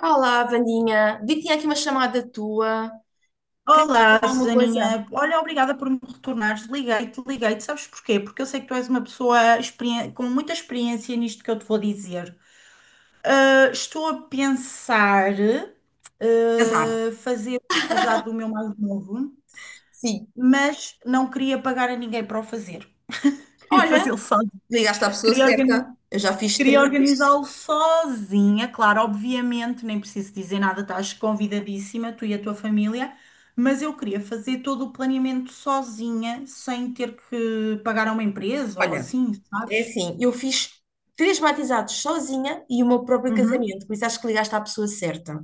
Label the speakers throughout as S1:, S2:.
S1: Olá, Vandinha. Vi que tinha aqui uma chamada tua. Queria
S2: Olá,
S1: falar uma coisa.
S2: Susaninha. Olha, obrigada por me retornares. Liguei-te. Sabes porquê? Porque eu sei que tu és uma pessoa com muita experiência nisto que eu te vou dizer. Estou a pensar
S1: Casar.
S2: fazer o batizado do meu mais novo,
S1: Sim.
S2: mas não queria pagar a ninguém para o fazer. Queria
S1: Olha,
S2: fazê-lo só.
S1: ligaste à pessoa
S2: Queria organizar.
S1: certa. Eu já fiz
S2: Queria
S1: três.
S2: organizá-lo sozinha, claro, obviamente, nem preciso dizer nada, estás convidadíssima, tu e a tua família, mas eu queria fazer todo o planeamento sozinha, sem ter que pagar a uma empresa ou
S1: Olha,
S2: assim,
S1: é
S2: sabes?
S1: assim, eu fiz três batizados sozinha e o meu próprio
S2: Uhum.
S1: casamento, por isso acho que ligaste à pessoa certa.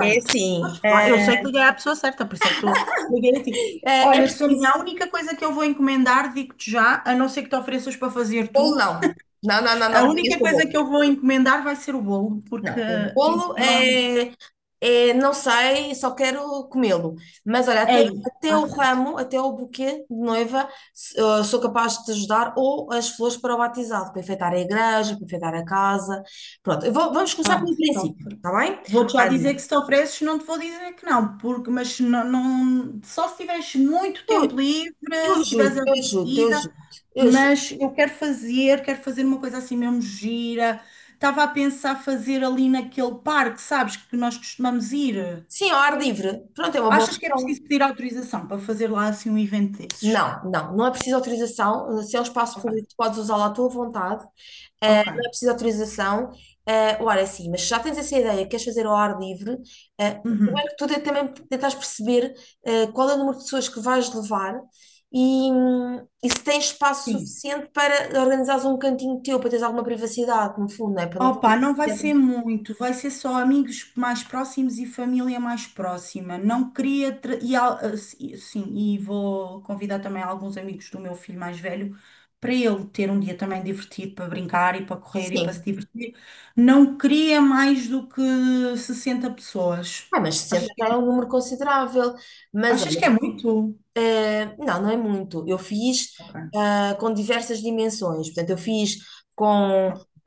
S1: É assim,
S2: Eu sei que liguei à pessoa certa, por isso é que estou liguei a ti.
S1: é,
S2: Olha, Sonia, a
S1: preciso.
S2: única coisa que eu vou encomendar, digo-te já, a não ser que te ofereças para fazer
S1: Bolo
S2: tu,
S1: não. Não, não, não, não,
S2: a
S1: me venhas
S2: única
S1: com o
S2: coisa que
S1: bolo.
S2: eu vou encomendar vai ser o bolo, porque
S1: Não, o
S2: eu
S1: bolo
S2: eu não.
S1: é, não sei, só quero comê-lo. Mas olha,
S2: É
S1: até,
S2: isso,
S1: até
S2: está
S1: o
S2: feito.
S1: ramo, até o buquê de noiva, sou capaz de te ajudar, ou as flores para o batizado, para enfeitar a igreja, para enfeitar a casa. Pronto, vamos começar
S2: Pá,
S1: pelo princípio,
S2: sofro.
S1: está bem?
S2: Vou-te já dizer que
S1: Olha,
S2: se te ofereces, não te vou dizer que não, porque, mas se não, só se tiveres muito tempo
S1: eu,
S2: livre,
S1: eu
S2: se tiveres
S1: ajudo,
S2: a
S1: eu ajudo, eu
S2: vida,
S1: ajudo, eu ajudo.
S2: mas eu quero fazer uma coisa assim mesmo gira. Estava a pensar fazer ali naquele parque, sabes, que nós costumamos ir.
S1: Sim, ao ar livre. Pronto, é uma boa
S2: Achas que é
S1: opção.
S2: preciso pedir autorização para fazer lá assim um evento desses?
S1: Não, não, não é preciso autorização. Se é um espaço
S2: Ok.
S1: público, tu podes usá-lo à tua vontade. Ah,
S2: Ok.
S1: não é preciso autorização. Ah, ora, sim, mas se já tens essa ideia, queres fazer ao ar livre, ah,
S2: Uhum.
S1: primeiro que tudo é também tentares perceber qual é o número de pessoas que vais levar e se tens espaço
S2: Sim.
S1: suficiente para organizares um cantinho teu, para teres alguma privacidade, no fundo, não é? Para não ter que
S2: Opa, não vai
S1: ter-
S2: ser muito, vai ser só amigos mais próximos e família mais próxima. Não queria. Tra- E, al- ah, si- sim, e vou convidar também alguns amigos do meu filho mais velho para ele ter um dia também divertido para brincar e para correr e para se
S1: Sim.
S2: divertir. Não queria mais do que 60 pessoas.
S1: Ah, mas 60
S2: Achas que,
S1: já é um número considerável. Mas
S2: achas
S1: olha,
S2: que é muito?
S1: Não, não é muito. Eu fiz
S2: Ok.
S1: com diversas dimensões. Portanto, eu fiz com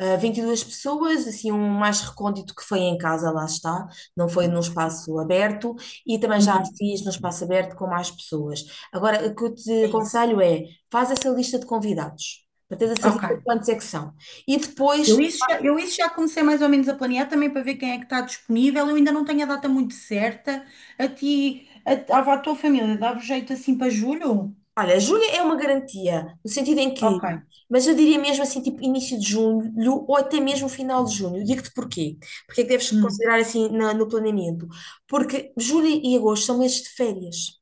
S1: 22 pessoas, assim, um mais recôndito que foi em casa, lá está, não foi num espaço aberto, e também já
S2: Uhum.
S1: fiz num espaço aberto com mais pessoas. Agora, o que eu te
S2: É isso.
S1: aconselho é, faz essa lista de convidados, para teres a certeza
S2: Ok.
S1: de quantos é que são. E depois.
S2: Eu isso já comecei mais ou menos a planear também para ver quem é que está disponível. Eu ainda não tenho a data muito certa. À tua família, dava jeito assim para julho?
S1: Olha, julho é uma garantia, no sentido em que,
S2: Ok.
S1: mas eu diria mesmo assim, tipo início de julho ou até mesmo final de junho. Eu digo-te porquê. Porque é que deves
S2: Hum.
S1: considerar assim no planeamento? Porque julho e agosto são meses de férias.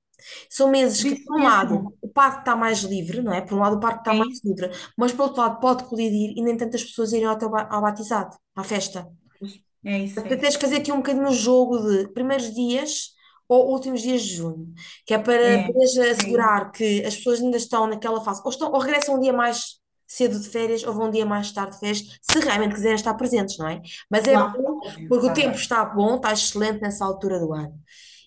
S1: São meses
S2: Por
S1: que,
S2: isso
S1: por um lado,
S2: mesmo.
S1: o parque está mais livre, não é? Por um lado, o parque está
S2: É
S1: mais
S2: isso.
S1: livre, mas por outro lado, pode colidir e nem tantas pessoas irem ao batizado, à festa. Até
S2: É
S1: tens
S2: isso.
S1: que fazer aqui um bocadinho um jogo de primeiros dias ou últimos dias de junho, que é para
S2: É,
S1: poderes
S2: é isso.
S1: assegurar que as pessoas ainda estão naquela fase, ou, estão, ou regressam um dia mais cedo de férias, ou vão um dia mais tarde de férias, se realmente quiserem estar presentes, não é? Mas é
S2: Lá,
S1: bom,
S2: óbvio,
S1: porque o
S2: claro.
S1: tempo está bom, está excelente nessa altura do ano.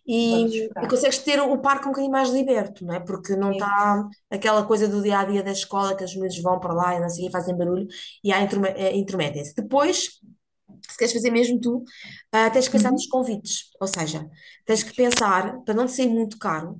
S1: E,
S2: Vamos
S1: e
S2: ficar.
S1: consegues ter o parque um bocadinho mais liberto, não é? Porque não
S2: É
S1: está
S2: isso.
S1: aquela coisa do dia a dia da escola que os meninos vão para lá e não sei, o quê, fazem barulho e há intrometem-se. Depois se queres fazer mesmo tu, tens que pensar nos
S2: Uhum.
S1: convites, ou seja, tens que
S2: Diz.
S1: pensar, para não te sair muito caro,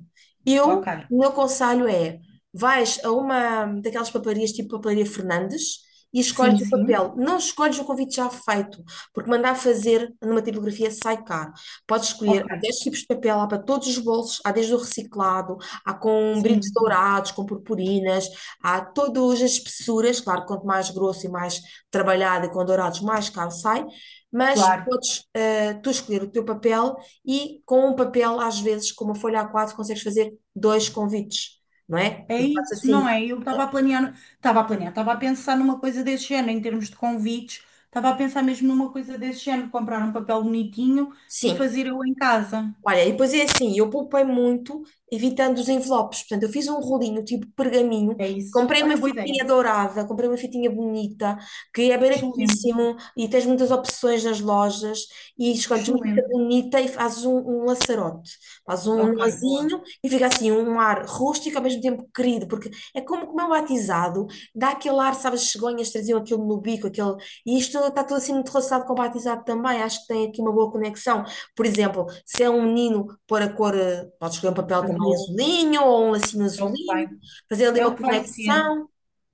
S2: Ok.
S1: o meu conselho é, vais a uma daquelas papelarias tipo Papelaria Fernandes e escolhes
S2: Sim,
S1: o
S2: sim.
S1: papel, não escolhes o convite já feito, porque mandar fazer numa tipografia sai caro. Podes escolher,
S2: Ok.
S1: há 10 tipos de papel, há para todos os bolsos, há desde o reciclado, há com
S2: Sim,
S1: brilhos
S2: sim.
S1: dourados, com purpurinas, há todas as espessuras, claro, quanto mais grosso e mais trabalhado e com dourados, mais caro sai, mas
S2: Claro.
S1: podes tu escolher o teu papel e com um papel, às vezes, com uma folha A4, consegues fazer dois convites, não é?
S2: É
S1: E fazes
S2: isso, não
S1: assim,
S2: é? Eu estava a pensar numa coisa desse género, em termos de convites, estava a pensar mesmo numa coisa desse género, comprar um papel bonitinho e
S1: sim.
S2: fazer eu em casa.
S1: Olha, e depois é assim, eu poupei muito evitando os envelopes. Portanto, eu fiz um rolinho tipo pergaminho,
S2: É isso.
S1: comprei uma
S2: Olha, boa ideia.
S1: fitinha dourada, comprei uma fitinha bonita, que é
S2: Excelente,
S1: baratíssimo e tens muitas opções nas lojas e escolhes uma fita
S2: excelente.
S1: bonita e fazes um, um laçarote. Fazes um
S2: Ok, boa.
S1: nozinho e fica assim um ar rústico ao mesmo tempo querido, porque é como comer um batizado, dá aquele ar, sabes, as cegonhas traziam aquilo no bico, aquele... E isto está tudo assim muito relacionado com o batizado também, acho que tem aqui uma boa conexão, por exemplo, se é um menino pôr a cor, pode escolher um papel também
S2: Azul,
S1: azulinho ou um lacinho
S2: é o que
S1: azulinho,
S2: vai.
S1: fazer ali
S2: É o
S1: uma
S2: que vai ser.
S1: conexão.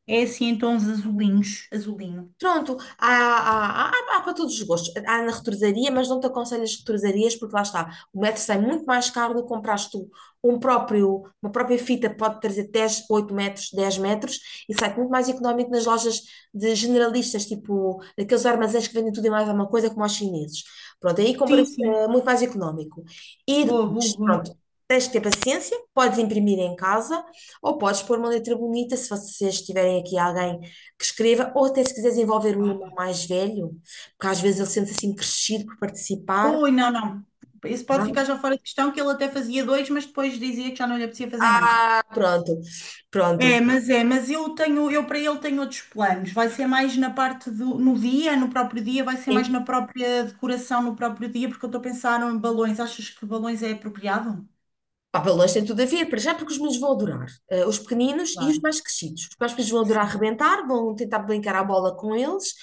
S2: É assim em tons azulinhos, azulinho.
S1: Pronto, há para todos os gostos. Há na retrosaria, mas não te aconselho as retrosarias, porque lá está, o metro sai muito mais caro do que compraste tu um próprio, uma própria fita, pode trazer 10, 8 metros, 10 metros, e sai muito mais económico nas lojas de generalistas, tipo daqueles armazéns que vendem tudo e mais alguma coisa, como aos chineses. Pronto, aí
S2: Sim,
S1: compras
S2: sim.
S1: muito mais económico. E
S2: Boa, boa,
S1: depois,
S2: boa.
S1: pronto. Tens que ter paciência, podes imprimir em casa ou podes pôr uma letra bonita se vocês tiverem aqui alguém que escreva, ou até se quiseres envolver um
S2: Ah.
S1: irmão mais velho, porque às vezes ele sente-se assim crescido por participar,
S2: Ui, não, não. Esse
S1: não?
S2: pode
S1: é?
S2: ficar já fora de questão, que ele até fazia dois, mas depois dizia que já não lhe apetecia fazer
S1: Ah,
S2: mais.
S1: pronto, pronto.
S2: Mas eu tenho, eu para ele tenho outros planos. Vai ser mais na no dia, no próprio dia, vai ser mais na própria decoração, no próprio dia, porque eu estou a pensar em balões. Achas que balões é apropriado?
S1: Pá, balões tem tudo a ver, para já, porque os meninos vão adorar. Os pequeninos e os
S2: Claro.
S1: mais crescidos. Os mais pequenos vão adorar
S2: Sim,
S1: arrebentar, vão tentar brincar à bola com eles.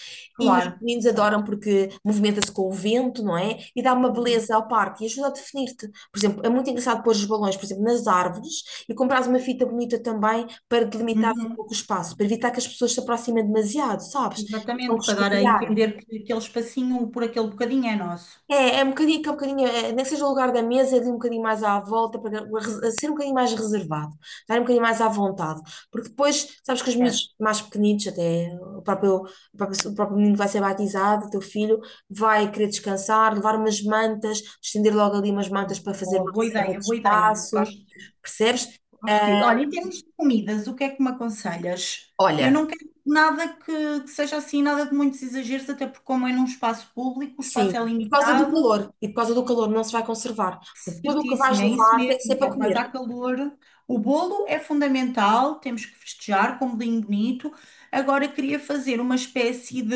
S1: E os
S2: claro.
S1: pequeninos adoram
S2: Certo.
S1: porque movimenta-se com o vento, não é? E dá uma
S2: Uhum.
S1: beleza ao parque e ajuda a definir-te. Por exemplo, é muito engraçado pôr os balões, por exemplo, nas árvores e comprares uma fita bonita também para delimitar um
S2: Uhum.
S1: pouco o espaço, para evitar que as pessoas se aproximem demasiado, sabes? Vão
S2: Exatamente, para dar a
S1: escovilhar.
S2: entender que aquele espacinho por aquele bocadinho é nosso.
S1: É, é um bocadinho, que é um bocadinho, é, nem que seja o lugar da mesa, é ali um bocadinho mais à volta, ser um bocadinho mais reservado, estar um bocadinho mais à vontade. Porque depois, sabes que os
S2: Certo.
S1: miúdos mais pequenitos, até o próprio menino que vai ser batizado, o teu filho, vai querer descansar, levar umas mantas, estender logo ali umas mantas para fazer
S2: Boa,
S1: uma
S2: boa
S1: reserva
S2: ideia,
S1: de
S2: boa ideia.
S1: espaço,
S2: Gosto.
S1: percebes?
S2: Hostil. Olha, em termos de comidas, o que é que me aconselhas? Eu
S1: Olha,
S2: não quero nada que seja assim, nada de muitos exageros, até porque como é num espaço público, o
S1: sim.
S2: espaço é
S1: E por causa do
S2: limitado,
S1: calor, e por causa do calor não se vai conservar. Tudo o que vais
S2: certíssimo, é isso
S1: levar tem que ser
S2: mesmo,
S1: para
S2: vai
S1: comer.
S2: dar calor. O bolo é fundamental, temos que festejar com um bolinho bonito. Agora queria fazer uma espécie de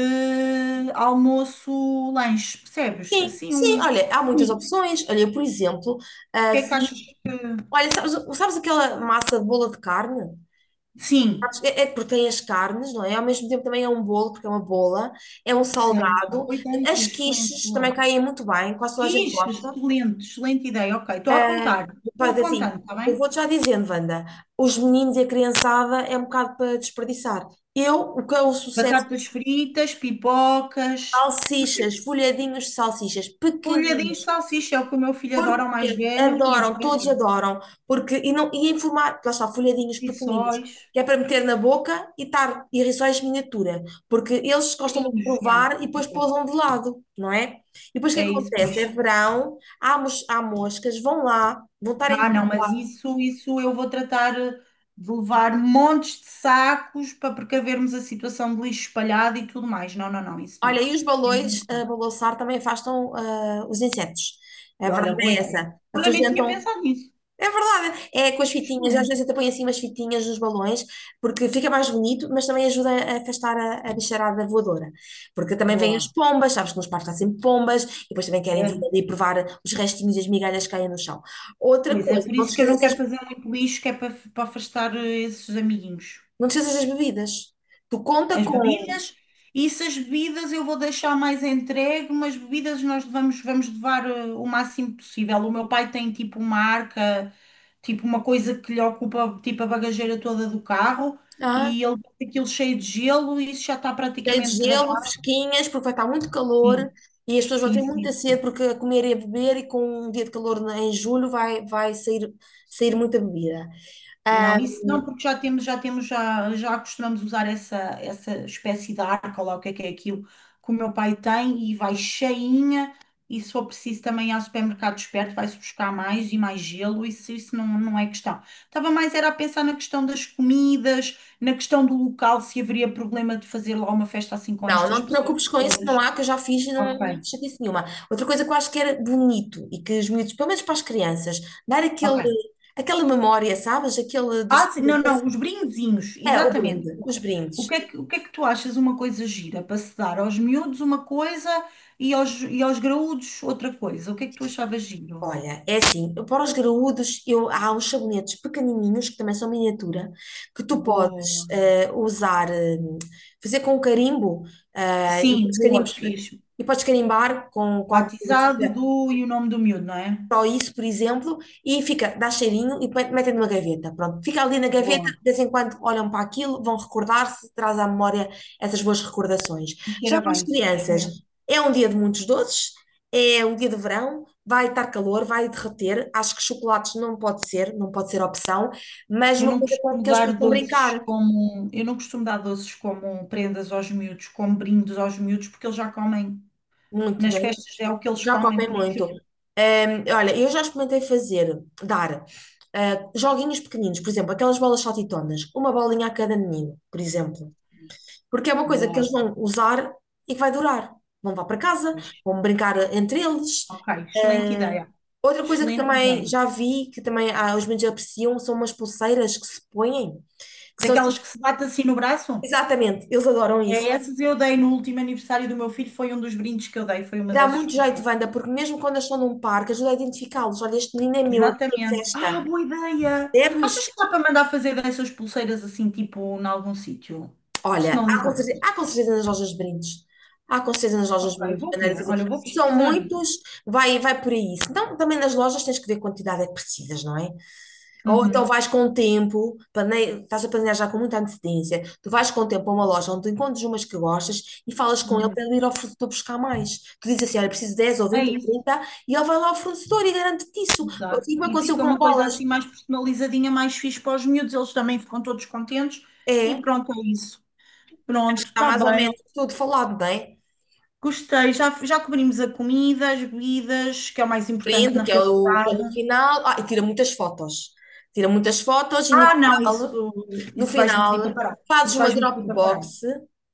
S2: almoço-lanche, percebes?
S1: Sim,
S2: Assim,
S1: sim,
S2: um
S1: olha, há muitas
S2: mix. O
S1: opções. Olha, eu, por exemplo, ah,
S2: que é
S1: fiz-
S2: que achas?
S1: olha, sabes aquela massa de bola de carne?
S2: Sim,
S1: Sabes? É, porque tem as carnes, não é? Ao mesmo tempo também é um bolo, porque é uma bola, é um
S2: certo.
S1: salgado.
S2: Boa ideia,
S1: As
S2: excelente,
S1: quiches também
S2: boa.
S1: caem muito bem, quase toda a gente
S2: Quiche,
S1: gosta.
S2: excelente, excelente ideia. Ok, estou a apontar, estou
S1: Pois assim,
S2: apontando, está bem?
S1: eu vou-te já dizendo, Wanda, os meninos e a criançada é um bocado para desperdiçar. Eu, o que é o sucesso?
S2: Batatas fritas, pipocas,
S1: Salsichas, folhadinhos de salsichas,
S2: polhadinhos de
S1: pequeninos.
S2: salsicha, é o que o meu filho adora, o mais
S1: Porque
S2: velho, e o
S1: adoram, todos
S2: pequeno,
S1: adoram, porque e não e em formato, lá está, folhadinhos pequeninos,
S2: rissóis,
S1: que é para meter na boca e estar e rissóis miniatura, porque eles gostam muito de
S2: pequeninos, já.
S1: provar e
S2: E
S1: depois
S2: pronto.
S1: pousam de lado, não é? E depois o que
S2: É isso,
S1: acontece? É
S2: pois.
S1: verão, há moscas, vão lá, vão estar em.
S2: Ah, não, mas isso eu vou tratar de levar montes de sacos para precavermos a situação de lixo espalhado e tudo mais. Não, não, não, isso
S1: Olha,
S2: não.
S1: e os balões
S2: Isso
S1: a
S2: não.
S1: balançar também afastam os insetos. A
S2: E
S1: verdade
S2: olha, boa
S1: é
S2: ideia.
S1: essa.
S2: Olha, nem tinha
S1: Afugentam.
S2: pensado nisso.
S1: É verdade. É com as fitinhas, às
S2: Excelente.
S1: vezes até põe assim umas fitinhas nos balões, porque fica mais bonito, mas também ajuda a afastar a bicharada voadora. Porque também vêm as
S2: Boa.
S1: pombas, sabes que nos parques há sempre pombas, e depois também querem vir ali provar os restinhos e as migalhas que caem no chão. Outra
S2: Pois é,
S1: coisa,
S2: por
S1: não te
S2: isso que eu não
S1: esqueças das,
S2: quero fazer muito lixo, que é para, para afastar esses amiguinhos.
S1: não te esqueças das bebidas. Tu conta
S2: As
S1: com
S2: bebidas, e se as bebidas eu vou deixar mais entregue, mas bebidas nós vamos levar o máximo possível. O meu pai tem tipo uma arca, tipo uma coisa que lhe ocupa tipo a bagageira toda do carro,
S1: ah,
S2: e ele tem aquilo cheio de gelo e isso já está
S1: cheio de
S2: praticamente
S1: gelo,
S2: tratado.
S1: fresquinhas, porque vai estar muito calor.
S2: Sim,
S1: E as pessoas vão
S2: sim,
S1: ter
S2: sim.
S1: muita sede
S2: Sim.
S1: porque a comer e a beber, e com um dia de calor em julho vai sair muita bebida. Ah,
S2: Não, isso não, porque já costumamos usar essa espécie de arca, ou lá o que é aquilo que o meu pai tem e vai cheinha. E se for preciso também há supermercados perto, vai-se buscar mais e mais gelo, isso não, não é questão. Estava mais era a pensar na questão das comidas, na questão do local, se haveria problema de fazer lá uma festa assim com
S1: não,
S2: estas
S1: não te
S2: pessoas
S1: preocupes com isso, não
S2: todas.
S1: há, que eu já fiz e não, não
S2: Ok,
S1: fiz chatice nenhuma. Outra coisa que eu acho que era bonito e que os miúdos, pelo menos para as crianças, dar aquele,
S2: ok.
S1: aquela memória, sabes? Aquele do.
S2: Ah, sim, não, não, os brindezinhos,
S1: É, o
S2: exatamente.
S1: brinde, os brindes.
S2: O que é que tu achas uma coisa gira para se dar aos miúdos uma coisa e aos graúdos outra coisa? O que é que tu achavas giro?
S1: Olha, é assim, para os graúdos, eu, há uns sabonetes pequenininhos, que também são miniatura, que tu podes
S2: Boa.
S1: usar, fazer com carimbo, e
S2: Sim,
S1: depois
S2: boa,
S1: carimbos,
S2: fixe.
S1: e podes carimbar com alguma
S2: Batizado
S1: coisa.
S2: do e o nome do miúdo, não é?
S1: Só isso, por exemplo, e fica, dá cheirinho e metem numa gaveta. Pronto, fica ali na gaveta,
S2: Boa.
S1: de vez em quando olham para aquilo, vão recordar-se, traz à memória essas boas recordações.
S2: E cheira
S1: Já para as
S2: bem.
S1: crianças,
S2: Excelente.
S1: é um dia de muitos doces, é um dia de verão, vai estar calor, vai derreter. Acho que chocolates não pode ser, não pode ser opção, mas uma coisa com que eles possam brincar
S2: Eu não costumo dar doces como prendas aos miúdos, como brindes aos miúdos, porque eles já comem.
S1: muito.
S2: Nas festas é o que eles
S1: Já
S2: comem,
S1: comem
S2: por isso.
S1: muito. Olha, eu já experimentei fazer, dar joguinhos pequeninos, por exemplo, aquelas bolas saltitonas, uma bolinha a cada menino, por exemplo. Porque é uma coisa que
S2: Boa.
S1: eles vão usar e que vai durar. Vão levar para casa,
S2: Pois.
S1: vão brincar entre eles.
S2: Ok, excelente
S1: Eh,
S2: ideia.
S1: Outra coisa que
S2: Excelente
S1: também
S2: ideia.
S1: já vi, que também os meninos apreciam, são umas pulseiras que se põem, que são assim,
S2: Daquelas que se bate assim no braço?
S1: exatamente, eles adoram isso.
S2: É essas eu dei no último aniversário do meu filho, foi um dos brindes que eu dei, foi uma
S1: Dá
S2: dessas
S1: muito jeito,
S2: pulseiras.
S1: Wanda, porque mesmo quando eles estão num parque, ajuda a identificá-los. Olha, este menino é meu, é da
S2: Exatamente. Ah,
S1: festa.
S2: boa ideia!
S1: Temos,
S2: Achas que dá para mandar fazer dessas pulseiras assim, tipo, em algum sítio?
S1: olha,
S2: Personalizado.
S1: há com certeza nas lojas de brindes. Há com certeza nas lojas de
S2: Ok,
S1: brindes.
S2: vou
S1: Não é
S2: ver.
S1: difícil.
S2: Olha, eu vou
S1: Se são
S2: pesquisar isso.
S1: muitos, vai, vai por aí. Então também nas lojas tens que ver a quantidade é que precisas, não é? Ou então
S2: Uhum,
S1: vais com o tempo, estás a planejar já com muita antecedência. Tu vais com o tempo a uma loja onde tu encontras umas que gostas e falas com ele para
S2: uhum.
S1: ele ir ao fornecedor buscar mais. Tu dizes assim, olha, preciso dez ou
S2: É
S1: vinte ou
S2: isso,
S1: trinta e ele vai lá ao fornecedor e garante-te isso.
S2: exato.
S1: Assim como
S2: E
S1: aconteceu
S2: fica
S1: com
S2: uma coisa
S1: bolas.
S2: assim mais personalizadinha, mais fixe para os miúdos, eles também ficam todos contentes. E
S1: É,
S2: pronto, é isso. Pronto,
S1: está
S2: está
S1: mais ou
S2: bem.
S1: menos tudo falado, não é?
S2: Gostei, já cobrimos a comida, as bebidas, que é o mais importante
S1: Brinde,
S2: na
S1: que é o, que é no
S2: realidade.
S1: final. Ah, e tira muitas fotos. Tira muitas fotos e no
S2: Ah, não,
S1: final, no
S2: isso vais-me pedir para
S1: final
S2: parar.
S1: fazes
S2: Isso
S1: uma
S2: vais-me pedir para parar.
S1: Dropbox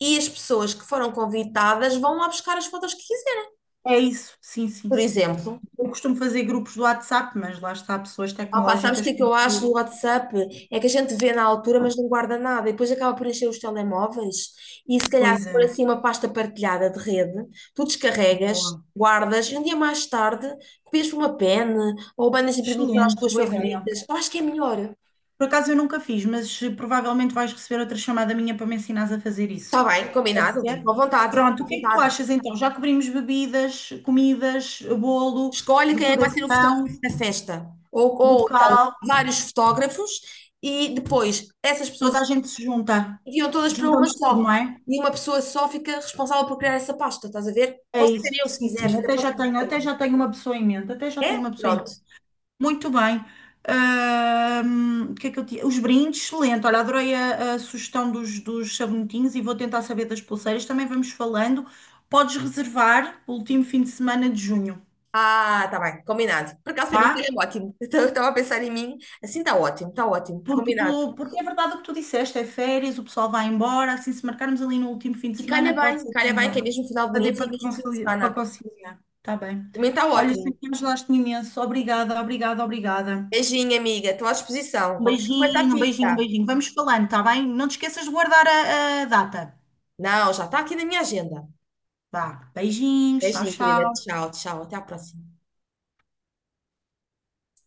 S1: e as pessoas que foram convidadas vão lá buscar as fotos que quiserem.
S2: É isso, sim, sim,
S1: Por
S2: sim.
S1: exemplo,
S2: Eu costumo fazer grupos do WhatsApp, mas lá está, pessoas
S1: opá, sabes o que
S2: tecnológicas.
S1: é que
S2: Que
S1: eu acho do WhatsApp? É que a gente vê na altura, mas não guarda nada e depois acaba por encher os telemóveis. E se calhar,
S2: pois
S1: se
S2: é,
S1: for assim uma pasta partilhada de rede, tu descarregas.
S2: boa.
S1: Guardas, e um dia mais tarde, copias por uma pen ou bandas de imprimir para as
S2: Excelente,
S1: tuas
S2: boa ideia.
S1: favoritas. Eu acho que é melhor.
S2: Por acaso eu nunca fiz, mas provavelmente vais receber outra chamada minha para me ensinares a fazer
S1: Está
S2: isso.
S1: bem,
S2: Pode
S1: combinado.
S2: ser?
S1: À vontade,
S2: Pronto,
S1: à
S2: o que é que tu
S1: vontade.
S2: achas então? Já cobrimos bebidas, comidas, bolo,
S1: Escolhe quem é que vai ser o fotógrafo
S2: decoração.
S1: da festa. Ou então,
S2: Local,
S1: vários fotógrafos e depois essas pessoas
S2: toda a gente se junta.
S1: enviam todas para uma
S2: Juntamos tudo,
S1: só.
S2: não é?
S1: E uma pessoa só fica responsável por criar essa pasta, estás a ver?
S2: É
S1: Posso
S2: isso,
S1: ser eu se
S2: sim,
S1: quiseres,
S2: sim.
S1: até posso ser
S2: Até
S1: eu.
S2: já tenho uma pessoa em mente. Até já tenho
S1: É?
S2: uma pessoa em
S1: Pronto.
S2: mente. Muito bem. O que é que eu tinha? Os brindes, excelente. Olha, adorei a sugestão dos sabonetinhos e vou tentar saber das pulseiras. Também vamos falando. Podes reservar o último fim de semana de junho,
S1: Ah, tá bem, combinado. Por acaso, para mim,
S2: tá?
S1: é ótimo. Então, eu estava a pensar em mim, assim está ótimo, combinado.
S2: Porque é verdade o que tu disseste, é férias, o pessoal vai embora, assim, se marcarmos ali no último fim de
S1: E
S2: semana, pode ser que
S1: calha bem, que é
S2: ainda
S1: mesmo final de
S2: para dê
S1: mês e é
S2: para
S1: mesmo fim de
S2: conciliar. Para
S1: semana.
S2: conciliar. Está bem.
S1: Também está
S2: Olha,
S1: ótimo.
S2: sempre me ajudaste imenso. Obrigada, obrigada, obrigada.
S1: Beijinho, amiga. Estou à disposição.
S2: Um
S1: Qualquer coisa
S2: beijinho, um beijinho, um
S1: apita.
S2: beijinho. Vamos falando, está bem? Não te esqueças de guardar a data.
S1: Não, já está aqui na minha agenda.
S2: Vá, beijinhos, tchau,
S1: Beijinho, querida.
S2: tchau.
S1: Tchau, tchau. Até a próxima.